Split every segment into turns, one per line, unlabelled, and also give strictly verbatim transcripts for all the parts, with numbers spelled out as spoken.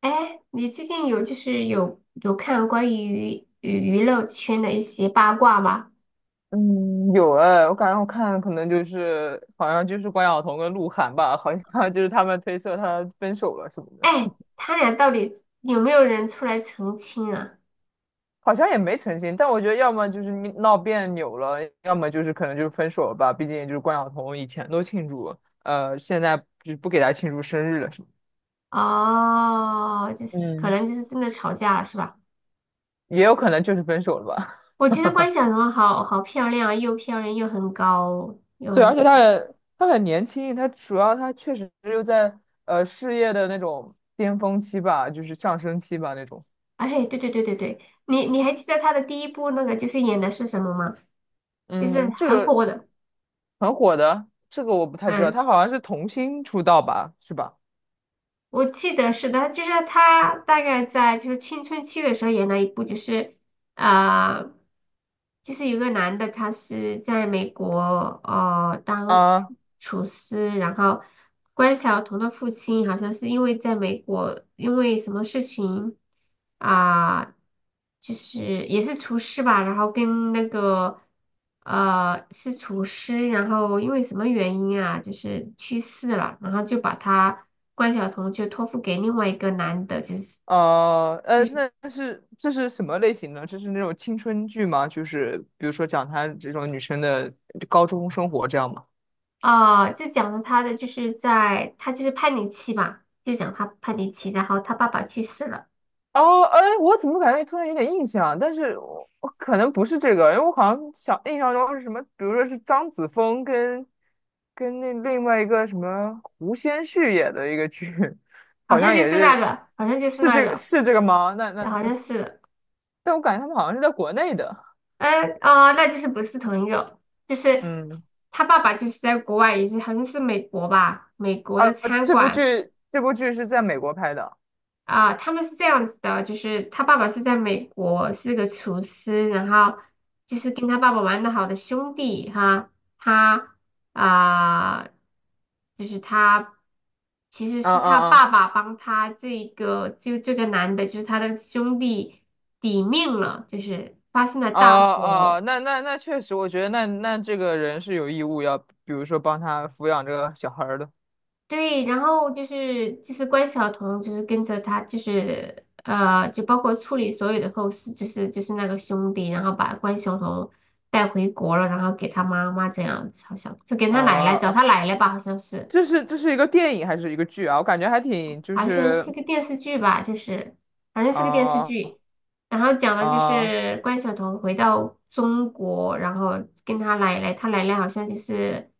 哎，你最近有就是有有看关于娱娱乐圈的一些八卦吗？
嗯，有哎，我感觉我看可能就是好像就是关晓彤跟鹿晗吧，好像就是他们推测他分手了什么的，
哎，他俩到底有没有人出来澄清啊？
好像也没澄清。但我觉得要么就是你闹别扭了，要么就是可能就是分手了吧。毕竟就是关晓彤以前都庆祝，呃，现在就不给他庆祝生日了什么
哦，就
的
是可
嗯，
能就是真的吵架了是吧？
也有可能就是分手了吧。
我觉得关晓彤好好漂亮啊，又漂亮又很高 又
对，
很
而
出
且他
名。
很他很年轻，他主要他确实又在呃事业的那种巅峰期吧，就是上升期吧那种。
哎，对对对对对，你你还记得她的第一部那个就是演的是什么吗？就是
嗯，这
很
个
火的，
很火的，这个我不太知道，
嗯。
他好像是童星出道吧，是吧？
我记得是的，就是他大概在就是青春期的时候演了一部，就是啊、呃就是有个男的，他是在美国呃当
啊，
厨厨师，然后关晓彤的父亲好像是因为在美国因为什么事情啊、就是也是厨师吧，然后跟那个呃是厨师，然后因为什么原因啊，就是去世了，然后就把他关晓彤就托付给另外一个男的，就是。
呃，呃，那那是这是什么类型的？这是那种青春剧吗？就是比如说讲她这种女生的高中生活这样吗？
啊、就讲了他的，就是在他就是叛逆期嘛，就讲他叛逆期，然后他爸爸去世了，
哦，哎，我怎么感觉突然有点印象？但是我我可能不是这个，因为我好像想印象中是什么，比如说是张子枫跟跟那另外一个什么胡先煦演的一个剧，
好
好
像
像
就
也
是那
是
个，好像就是
是
那
这个
个，
是这个吗？那
好
那。
像是，
但我感觉他们好像是在国内的。
嗯啊、那就是不是同一个，就是
嗯，
他爸爸就是在国外，也是好像是美国吧，美国
啊，
的餐
这部
馆。
剧这部剧是在美国拍的。
啊，他们是这样子的，就是他爸爸是在美国，是个厨师，然后就是跟他爸爸玩的好的兄弟哈，他啊，就是他其实
啊
是他
啊啊！
爸爸帮他这个就这个男的，就是他的兄弟抵命了，就是发生了
哦
大
哦，
火。
那那那确实，我觉得那那这个人是有义务要，比如说帮他抚养这个小孩儿的。
对，然后就是就是关晓彤，就是跟着他，就是呃，就包括处理所有的后事，就是就是那个兄弟，然后把关晓彤带回国了，然后给他妈妈这样子，好像是给他奶
啊
奶找
啊，
他奶奶吧，好像是，
这是这是一个电影还是一个剧啊？我感觉还挺就
好像
是
是个电视剧吧。就是好像是个电视
啊
剧，然后讲的就
啊
是关晓彤回到中国，然后跟他奶奶，他奶奶好像就是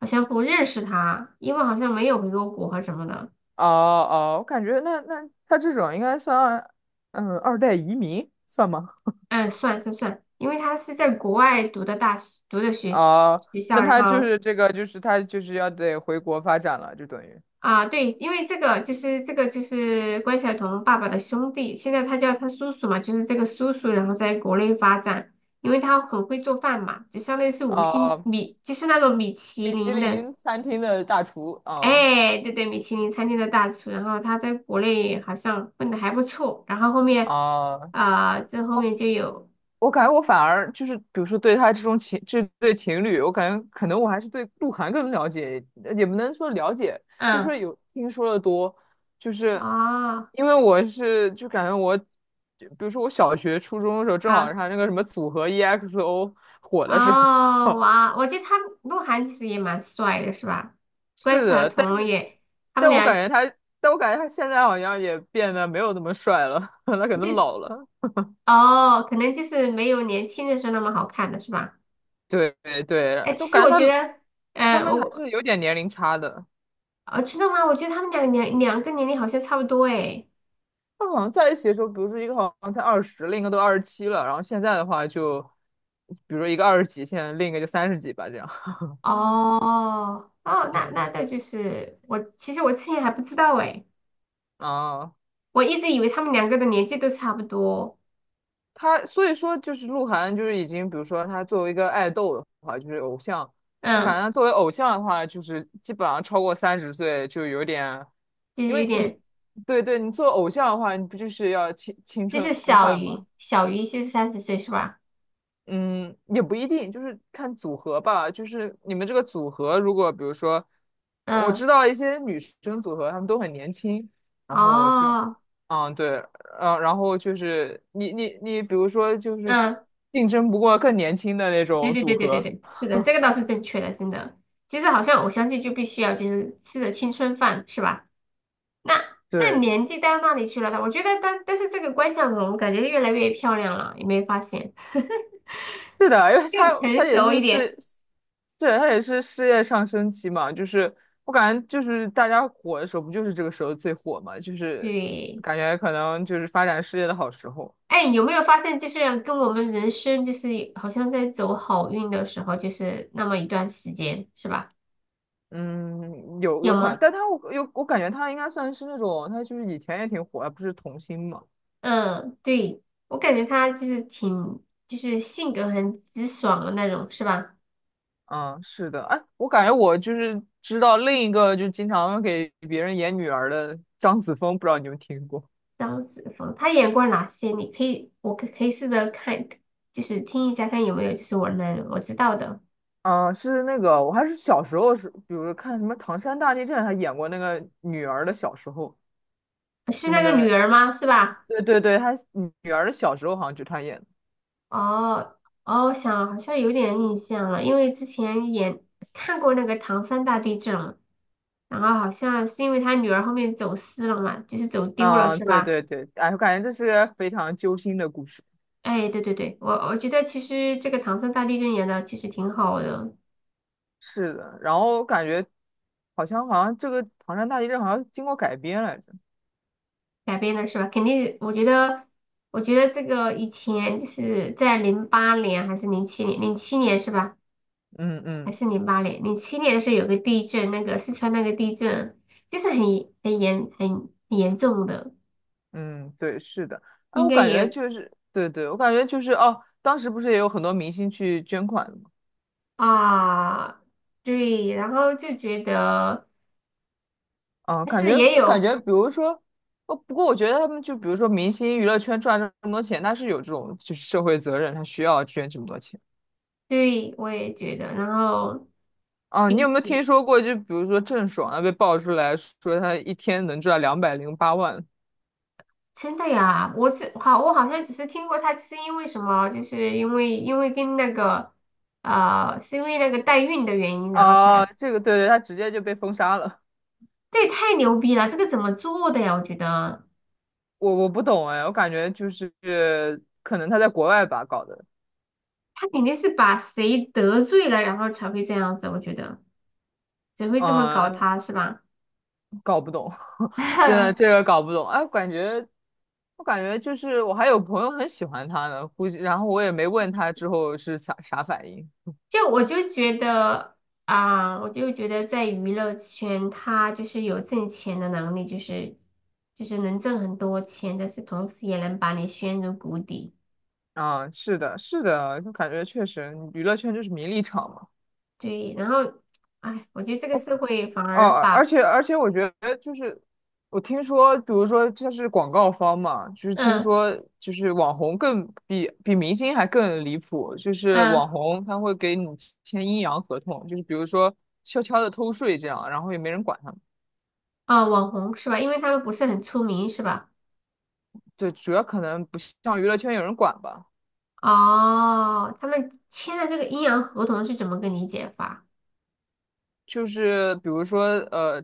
好像不认识他，因为好像没有回过国和什么的。
啊啊！我感觉那那他这种应该算嗯二代移民算吗？
嗯，算算算，因为他是在国外读的大学，读的学习
啊，
学校，
那
然
他就
后
是这个就是他就是要得回国发展了，就等于。
啊，对，因为这个就是这个就是关晓彤爸爸的兄弟，现在他叫他叔叔嘛，就是这个叔叔，然后在国内发展，因为他很会做饭嘛，就相当于是五星
呃，
米，就是那种米其
米其
林的，
林餐厅的大厨，啊
哎，对对，米其林餐厅的大厨，然后他在国内好像混的还不错，然后后面
啊，
啊，这后面
我
就有，
我感觉我反而就是，比如说对他这种情这对情侣，我感觉可能我还是对鹿晗更了解，呃也不能说了解，就是
嗯，
说有听说的多，就是
哦，
因为我是就感觉我，就比如说我小学、初中的时候，正好是
啊。
他那个什么组合 E X O 火的时候，
哦，哇，我觉得他鹿晗其实也蛮帅的，是吧？关
是
晓
的，但
彤
是
也，他们
但我感
俩
觉他，但我感觉他现在好像也变得没有那么帅了，他可
就
能
是
老了。
哦，可能就是没有年轻的时候那么好看了，是吧？
对对，
哎，
对，都
其实
感
我
觉
觉
他
得，
他
嗯，
们还
我
是有点年龄差的。
呃，知道吗？我觉得他们俩两两个年龄好像差不多，哎，
他好像在一起的时候，比如说一个好像才二十，另一个都二十七了，然后现在的话就，比如说一个二十几，现在另一个就三十几吧，这样。
哦，哦，那
嗯，
那那就是我，其实我之前还不知道，哎，
啊，
我一直以为他们两个的年纪都差不多，
他所以说就是鹿晗，就是已经，比如说他作为一个爱豆的话，就是偶像，我感
嗯，
觉他作为偶像的话，就是基本上超过三十岁就有点，
就
因
是有
为你，
点，
对对，你做偶像的话，你不就是要青青
就是
春
小
饭吗？
于小于就是三十岁，是吧？
嗯，也不一定，就是看组合吧。就是你们这个组合，如果比如说，我
嗯，
知道一些女生组合，她们都很年轻，然后就，
哦。
嗯，对，嗯，然后就是你你你，比如说就是
嗯，
竞争不过更年轻的那
对
种
对
组
对对对
合，
对，是的，这个倒是正确的，真的。其实好像我相信就必须要就是吃着青春饭，是吧？那那
对，
年纪到那里去了呢？我觉得但但是这个关晓彤感觉越来越漂亮了，有没有发现？
是的，因为她
更成
她也
熟
是
一点。
事，对，她也是事业上升期嘛，就是我感觉就是大家火的时候，不就是这个时候最火嘛，就是
对，
感觉可能就是发展事业的好时候。
哎，有没有发现就是跟我们人生就是好像在走好运的时候，就是那么一段时间，是吧？
嗯，有
有
有可能，
吗？
但他我有我感觉他应该算是那种，他就是以前也挺火，不是童星嘛？
嗯，对，我感觉她就是挺就是性格很直爽的那种，是吧？
嗯，是的，哎，我感觉我就是知道另一个，就经常给别人演女儿的张子枫，不知道你有没有听过？
张子枫，他演过哪些？你可以，我可可以试着看，就是听一下，看有没有就是我能我知道的，
嗯，是那个，我还是小时候是，比如看什么《唐山大地震》，他演过那个女儿的小时候，
是
就那
那个女
个，
儿吗？是吧？
对对对，他女儿的小时候好像就他演的。
哦哦，我想好像有点印象了，因为之前演看过那个唐山大地震嘛，然后好像是因为他女儿后面走失了嘛，就是走丢了，
嗯，
是
对
吧？
对对，哎，我感觉这是非常揪心的故事。
哎，对对对，我我觉得其实这个唐山大地震演的其实挺好的，
是的，然后感觉好像好像这个唐山大地震好像经过改编来着。
改变的是吧？肯定，我觉得，我觉得这个以前就是在零八年还是零七年，零七年是吧？
嗯
还
嗯
是零八年？零七年的时候有个地震，那个四川那个地震，就是很很严很严重的，
嗯，对，是的。哎，
应
我
该
感觉
也
就是，对对，我感觉就是哦，当时不是也有很多明星去捐款的吗？
啊，对，然后就觉得，
嗯，
但
感
是
觉
也
感
有，
觉，比如说，哦，不过我觉得他们就比如说明星娱乐圈赚这么多钱，他是有这种就是社会责任，他需要捐这么多钱。
对，我也觉得，然后。
啊，你有没有听说过？就比如说郑爽啊，被爆出来说她一天能赚两百零八万
真的呀，我只好我好像只是听过他，就是因为什么，就是因为因为跟那个呃，是因为那个代孕的原因，然后
啊，
才，
这个对对，她直接就被封杀了。
这也太牛逼了，这个怎么做的呀？我觉得
我我不懂哎，我感觉就是可能他在国外吧搞的，
他肯定是把谁得罪了，然后才会这样子，我觉得谁会这么搞
嗯，
他是吧？
搞不懂，真的这 个搞不懂。哎，感觉我感觉就是我还有朋友很喜欢他呢，估计然后我也没问他之后是啥啥反应。
就我就觉得啊、我就觉得在娱乐圈，他就是有挣钱的能力，就是就是能挣很多钱，但是同时也能把你陷入谷底。
啊，是的，是的，就感觉确实娱乐圈就是名利场嘛。
对，然后，哎，我觉得这个社会反
哦，
而把，
而且而且，我觉得就是我听说，比如说这是广告方嘛，就是听
嗯
说就是网红更比比明星还更离谱，就是
嗯，
网红他会给你签阴阳合同，就是比如说悄悄的偷税这样，然后也没人管他们。
哦，网红是吧？因为他们不是很出名是吧？
对，主要可能不像娱乐圈有人管吧，
哦，他们签的这个阴阳合同是怎么个理解法？
就是比如说呃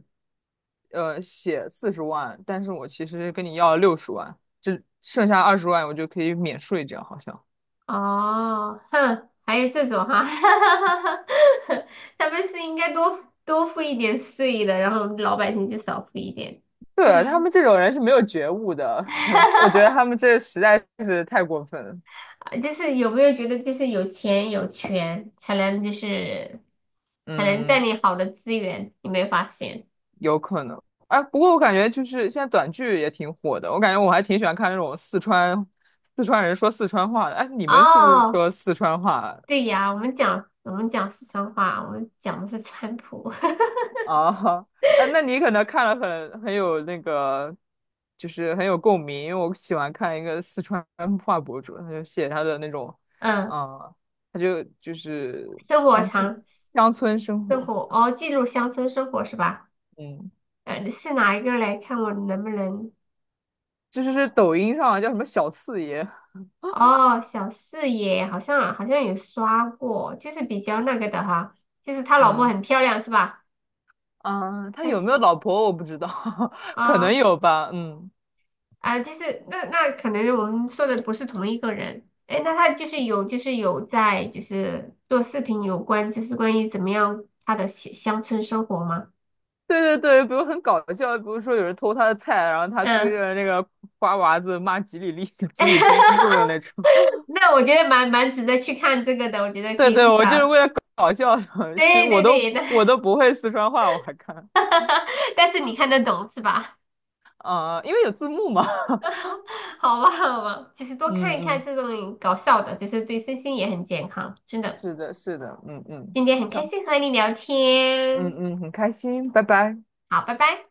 呃写四十万，但是我其实跟你要了六十万，这剩下二十万我就可以免税，这样好像。
哦，哼，还有这种哈，他们是应该多多付一点税的，然后老百姓就少付一点。
对，他们这种人是没有觉悟的，我觉得他 们这实在是太过分了。
就是有没有觉得就是有钱有权才能就是才能占
嗯，
领好的资源？有没有发现？
有可能。哎，不过我感觉就是现在短剧也挺火的，我感觉我还挺喜欢看那种四川四川人说四川话的。哎，你们是不是
哦，
说四川话
对呀，我们讲我们讲四川话，我们讲的是川普。
啊？哎，那你可能看了很很有那个，就是很有共鸣，因为我喜欢看一个四川话博主，他就写他的那种，
嗯，
啊、他就就是
生活
乡村
常
乡村生
生
活。
活哦，记录乡村生活是吧？
嗯，
呃，是哪一个嘞？看我能不能？
就是是抖音上叫什么小四爷，
哦，小四野好像好像有刷过，就是比较那个的哈，就是他老婆
嗯
很漂亮是吧？
啊，他
他
有没有
喜
老婆我不知道，可
啊。
能
哦
有吧，嗯，
啊，就是那那可能我们说的不是同一个人。哎，那他就是有就是有在就是做视频有关，就是关于怎么样他的乡乡村生活吗？
对对对，比如很搞笑，比如说有人偷他的菜，然后他追
嗯，
着那个瓜娃子骂几里力、几里嘟噜的那种，
那我觉得蛮蛮值得去看这个的，我觉得 可
对
以
对，
至
我就是
少
为了搞笑的，其实
对
我
对
都
对，那
我都不会四川话，我还看，
但是你看得懂是吧？
啊，因为有字幕嘛，
好吧好吧，其实 多
嗯
看一看
嗯，
这种搞笑的，就是对身心也很健康，真的。
是的，是的，嗯嗯，
今天很
好
开心和你聊
嗯
天，
嗯，很开心，拜拜。
好，拜拜。